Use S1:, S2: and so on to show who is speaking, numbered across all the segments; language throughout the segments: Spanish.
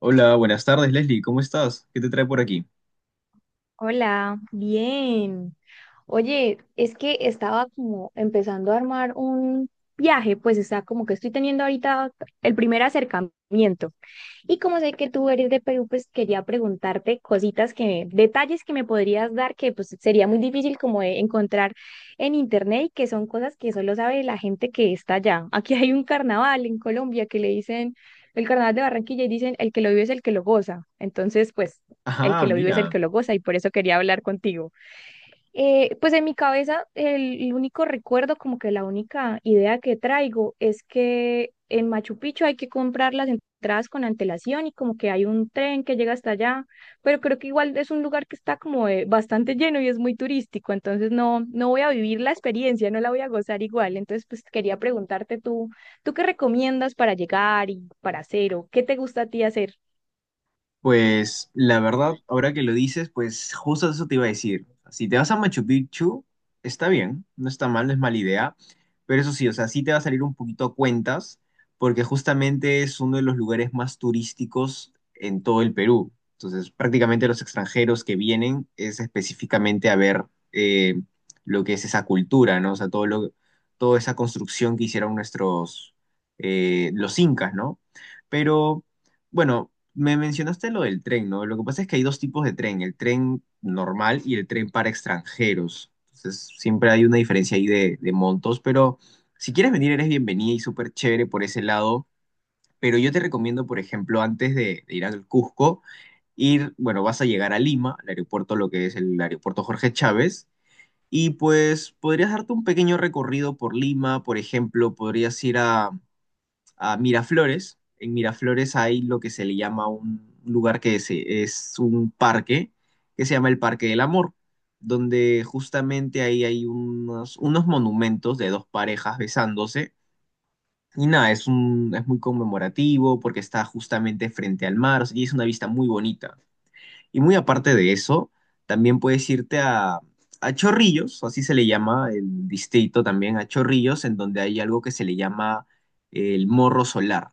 S1: Hola, buenas tardes, Leslie, ¿cómo estás? ¿Qué te trae por aquí?
S2: Hola, bien. Oye, es que estaba como empezando a armar un viaje, pues está como que estoy teniendo ahorita el primer acercamiento. Y como sé que tú eres de Perú, pues quería preguntarte cositas que, detalles que me podrías dar que pues sería muy difícil como de encontrar en internet y que son cosas que solo sabe la gente que está allá. Aquí hay un carnaval en Colombia que le dicen el carnaval de Barranquilla y dicen el que lo vive es el que lo goza. Entonces, pues el
S1: Ajá,
S2: que lo vive es el
S1: mira.
S2: que lo goza y por eso quería hablar contigo. Pues en mi cabeza el único recuerdo, como que la única idea que traigo es que en Machu Picchu hay que comprar las entradas con antelación y como que hay un tren que llega hasta allá, pero creo que igual es un lugar que está como bastante lleno y es muy turístico, entonces no, no voy a vivir la experiencia, no la voy a gozar igual, entonces pues quería preguntarte tú, ¿tú qué recomiendas para llegar y para hacer o qué te gusta a ti hacer?
S1: Pues la verdad, ahora que lo dices, pues justo eso te iba a decir. Si te vas a Machu Picchu, está bien, no está mal, no es mala idea, pero eso sí, o sea, sí te va a salir un poquito a cuentas, porque justamente es uno de los lugares más turísticos en todo el Perú. Entonces, prácticamente los extranjeros que vienen es específicamente a ver eh, lo que es esa cultura, ¿no? O sea, toda esa construcción que hicieron los incas, ¿no? Pero... Bueno, me mencionaste lo del tren, ¿no? Lo que pasa es que hay dos tipos de tren, el tren normal y el tren para extranjeros. Entonces, siempre hay una diferencia ahí de montos, pero si quieres venir, eres bienvenida y súper chévere por ese lado. Pero yo te recomiendo, por ejemplo, antes de ir al Cusco, ir, bueno, vas a llegar a Lima, al aeropuerto, lo que es el aeropuerto Jorge Chávez, y pues podrías darte un pequeño recorrido por Lima, por ejemplo, podrías ir a Miraflores. En Miraflores hay lo que se le llama un lugar es un parque, que se llama el Parque del Amor, donde justamente ahí hay unos monumentos de dos parejas besándose. Y nada, es muy conmemorativo porque está justamente frente al mar, o sea, y es una vista muy bonita. Y muy aparte de eso, también a Chorrillos, así se le llama el distrito también, a Chorrillos, en donde hay algo que se le llama el Morro Solar.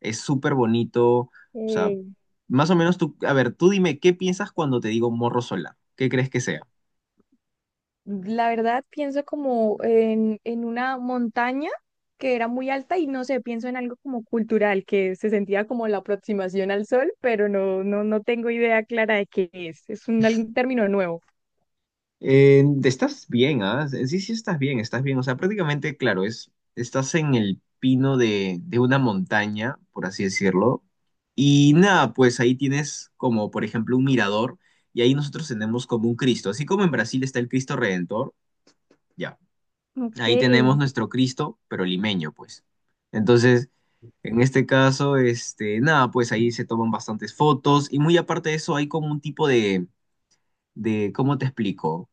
S1: Es súper bonito. O sea,
S2: Ok.
S1: más o menos tú, a ver, tú dime, ¿qué piensas cuando te digo morro solar? ¿Qué crees que sea?
S2: La verdad, pienso como en una montaña que era muy alta y no sé, pienso en algo como cultural, que se sentía como la aproximación al sol, pero no, no, no tengo idea clara de qué es. Es un, algún término nuevo.
S1: Estás bien, ¿ah? Sí, sí, estás bien, estás bien. O sea, prácticamente, claro, es, estás en el pino de una montaña, por así decirlo. Y nada, pues ahí tienes como, por ejemplo, un mirador y ahí nosotros tenemos como un Cristo. Así como en Brasil está el Cristo Redentor, ya.
S2: Ok,
S1: Ahí tenemos nuestro Cristo, pero limeño, pues. Entonces, en este caso, este, nada, pues ahí se toman bastantes fotos y muy aparte de eso hay como un tipo de, ¿cómo te explico?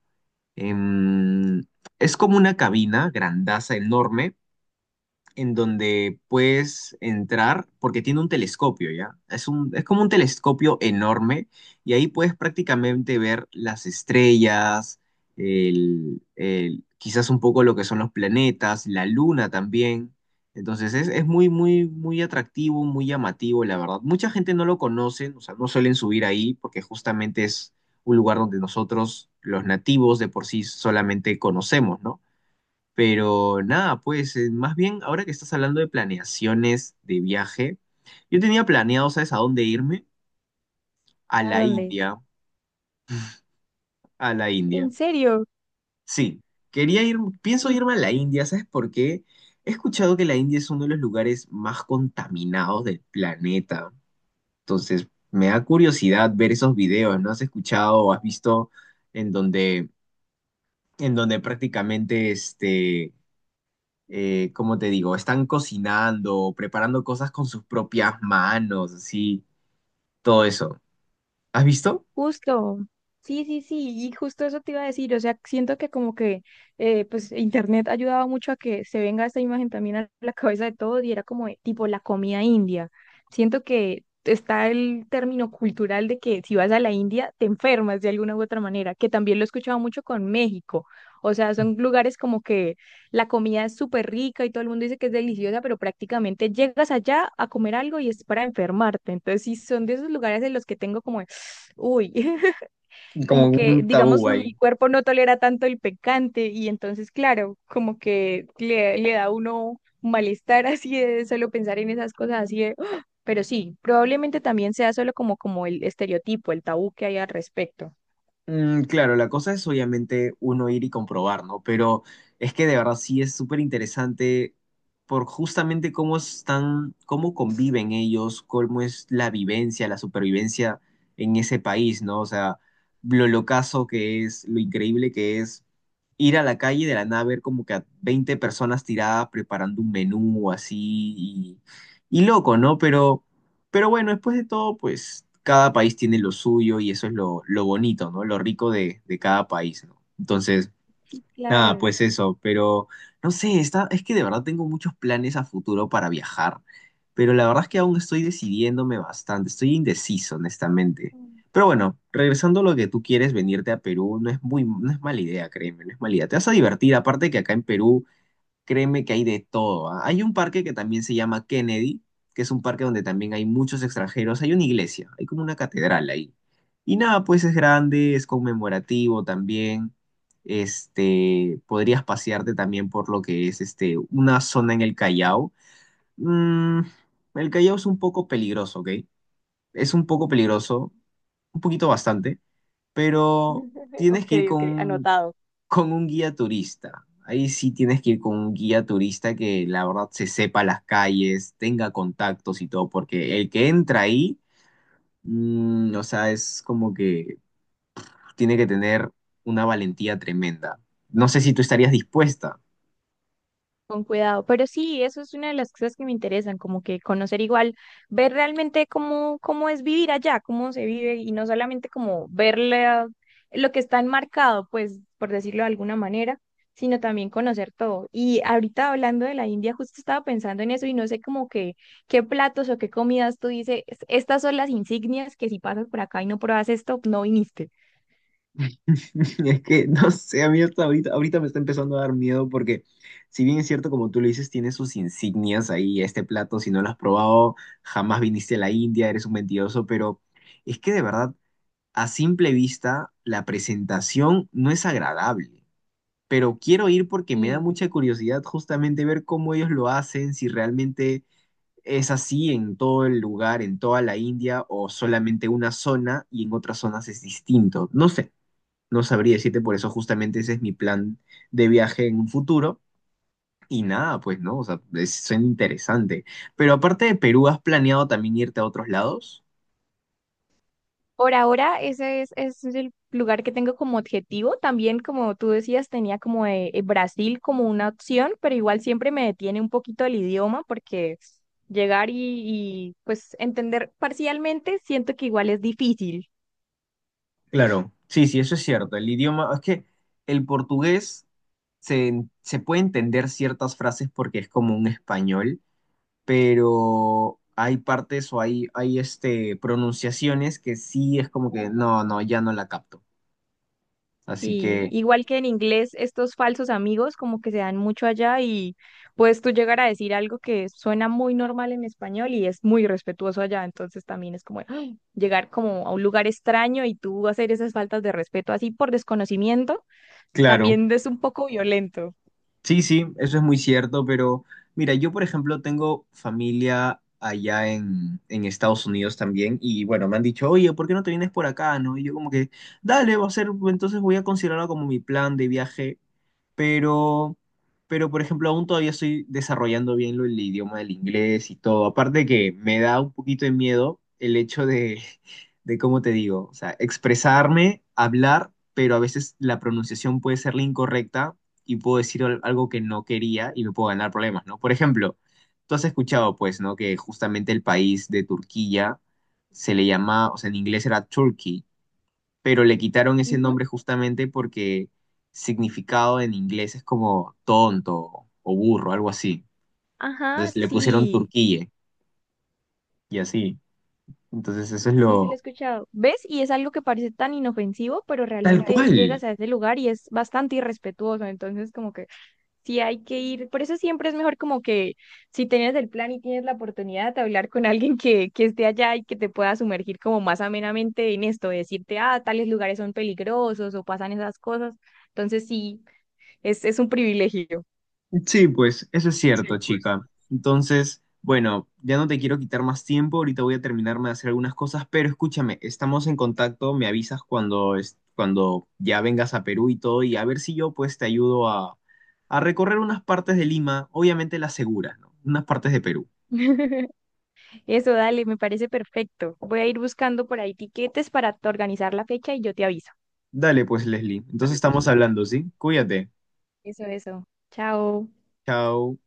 S1: Em, es como una cabina grandaza, enorme, en donde puedes entrar porque tiene un telescopio, ¿ya? Es como un telescopio enorme y ahí puedes prácticamente ver las estrellas, quizás un poco lo que son los planetas, la luna también. Entonces es muy, muy, muy atractivo, muy llamativo, la verdad. Mucha gente no lo conoce, o sea, no suelen subir ahí porque justamente es un lugar donde nosotros, los nativos, de por sí solamente conocemos, ¿no? Pero nada, pues más bien ahora que estás hablando de planeaciones de viaje, yo tenía planeado, ¿sabes a dónde irme? A
S2: ¿a
S1: la
S2: dónde?
S1: India, a la India.
S2: ¿En serio?
S1: Sí, quería ir, pienso
S2: Y.
S1: irme a la India, ¿sabes por qué? He escuchado que la India es uno de los lugares más contaminados del planeta. Entonces, me da curiosidad ver esos videos, ¿no? ¿Has escuchado o has visto en donde, en donde prácticamente como te digo, están cocinando, preparando cosas con sus propias manos, así, todo eso. ¿Has visto?
S2: Justo, sí, sí, sí, y justo eso te iba a decir, o sea, siento que como que pues internet ayudaba mucho a que se venga esta imagen también a la cabeza de todos y era como de, tipo la comida india. Siento que está el término cultural de que si vas a la India te enfermas de alguna u otra manera, que también lo he escuchado mucho con México. O sea, son lugares como que la comida es súper rica y todo el mundo dice que es deliciosa, pero prácticamente llegas allá a comer algo y es para enfermarte. Entonces, sí, son de esos lugares en los que tengo como uy,
S1: Como
S2: como que,
S1: un
S2: digamos,
S1: tabú
S2: mi
S1: ahí.
S2: cuerpo no tolera tanto el picante y entonces, claro, como que le da a uno un malestar así de solo pensar en esas cosas así de, "Ah", pero sí, probablemente también sea solo como, como el estereotipo, el tabú que hay al respecto.
S1: Mm, claro, la cosa es obviamente uno ir y comprobar, ¿no? Pero es que de verdad sí es súper interesante por justamente cómo están, cómo conviven ellos, cómo es la vivencia, la supervivencia en ese país, ¿no? O sea, lo locazo que es, lo increíble que es ir a la calle y de la nada ver como que a 20 personas tiradas preparando un menú así y, y loco, ¿no? Pero bueno, después de todo, pues cada país tiene lo suyo y eso es lo bonito, ¿no? Lo rico de cada país, ¿no? Entonces,
S2: Sí,
S1: nada,
S2: claro.
S1: pues eso, pero no sé, está, es que de verdad tengo muchos planes a futuro para viajar, pero la verdad es que aún estoy decidiéndome bastante, estoy indeciso, honestamente. Pero bueno, regresando a lo que tú quieres, venirte a Perú no es muy, no es mala idea, créeme, no es mala idea. Te vas a divertir, aparte que acá en Perú créeme que hay de todo, ¿ah? Hay un parque que también se llama Kennedy, que es un parque donde también hay muchos extranjeros. Hay una iglesia, hay como una catedral ahí. Y nada, pues es grande, es conmemorativo también. Este, podrías pasearte también por lo que es este, una zona en el Callao. Mm, el Callao es un poco peligroso, ¿ok? Es un poco peligroso, un poquito bastante, pero tienes
S2: Ok,
S1: que ir
S2: ok, anotado.
S1: con un guía turista. Ahí sí tienes que ir con un guía turista que la verdad se sepa las calles, tenga contactos y todo, porque el que entra ahí, mm, o sea, es como que tiene que tener una valentía tremenda. No sé si tú estarías dispuesta.
S2: Con cuidado, pero sí, eso es una de las cosas que me interesan, como que conocer igual, ver realmente cómo, cómo es vivir allá, cómo se vive y no solamente como ver la- lo que está enmarcado, pues por decirlo de alguna manera, sino también conocer todo. Y ahorita hablando de la India, justo estaba pensando en eso y no sé como que qué platos o qué comidas tú dices, estas son las insignias que si pasas por acá y no pruebas esto, no viniste.
S1: Es que, no sé, a mí hasta ahorita, ahorita me está empezando a dar miedo porque, si bien es cierto, como tú lo dices, tiene sus insignias ahí, este plato, si no lo has probado, jamás viniste a la India, eres un mentiroso, pero es que de verdad a simple vista, la presentación no es agradable, pero quiero ir porque me da mucha curiosidad justamente ver cómo ellos lo hacen, si realmente es así en todo el lugar, en toda la India, o solamente una zona y en otras zonas es distinto. No sé, no sabría decirte, por eso justamente ese es mi plan de viaje en un futuro. Y nada, pues no, o sea, es, suena interesante. Pero aparte de Perú, ¿has planeado también irte a otros lados?
S2: Por ahora, ese es el lugar que tengo como objetivo. También, como tú decías, tenía como Brasil como una opción, pero igual siempre me detiene un poquito el idioma porque llegar pues entender parcialmente siento que igual es difícil.
S1: Claro, sí, sí, eso es cierto. El idioma, es que el portugués se puede entender ciertas frases porque es como un español, pero hay partes o hay pronunciaciones que sí es como que no, no, ya no la capto. Así
S2: Sí,
S1: que,
S2: igual que en inglés, estos falsos amigos como que se dan mucho allá y puedes tú llegar a decir algo que suena muy normal en español y es muy respetuoso allá, entonces también es como ¡ay! Llegar como a un lugar extraño y tú hacer esas faltas de respeto así por desconocimiento,
S1: claro,
S2: también es un poco violento.
S1: sí, sí, eso es muy cierto, pero mira, yo por ejemplo tengo familia allá en Estados Unidos también y bueno, me han dicho, oye, ¿por qué no te vienes por acá, no? Y yo como que, dale, va a ser, entonces voy a considerarlo como mi plan de viaje pero, pero por ejemplo, aún todavía estoy desarrollando bien el idioma del inglés y todo. Aparte que me da un poquito de miedo el hecho de, de cómo te digo, o sea, expresarme, hablar, pero a veces la pronunciación puede ser la incorrecta y puedo decir algo que no quería y me puedo ganar problemas, ¿no? Por ejemplo, tú has escuchado, pues, ¿no? Que justamente el país de Turquía se le llama, o sea, en inglés era Turkey pero le quitaron ese
S2: Ujú.
S1: nombre justamente porque significado en inglés es como tonto o burro, algo así.
S2: Ajá,
S1: Entonces le pusieron
S2: sí.
S1: Turquille y así. Entonces eso es
S2: Sí, sí lo he
S1: lo...
S2: escuchado. ¿Ves? Y es algo que parece tan inofensivo, pero
S1: Tal
S2: realmente
S1: cual,
S2: llegas a ese lugar y es bastante irrespetuoso. Entonces, como que sí hay que ir. Por eso siempre es mejor como que si tienes el plan y tienes la oportunidad de hablar con alguien que esté allá y que te pueda sumergir como más amenamente en esto, de decirte, ah, tales lugares son peligrosos o pasan esas cosas. Entonces, sí, es un privilegio.
S1: sí, pues eso es cierto, chica. Entonces, bueno, ya no te quiero quitar más tiempo, ahorita voy a terminarme de hacer algunas cosas, pero escúchame, estamos en contacto, me avisas cuando, cuando ya vengas a Perú y todo, y a ver si yo pues te ayudo a recorrer unas partes de Lima, obviamente las seguras, ¿no? Unas partes de Perú.
S2: Eso, dale, me parece perfecto. Voy a ir buscando por ahí tiquetes para t- organizar la fecha y yo te aviso.
S1: Dale pues, Leslie. Entonces estamos hablando, ¿sí? Cuídate.
S2: Eso, eso. Chao.
S1: Chao.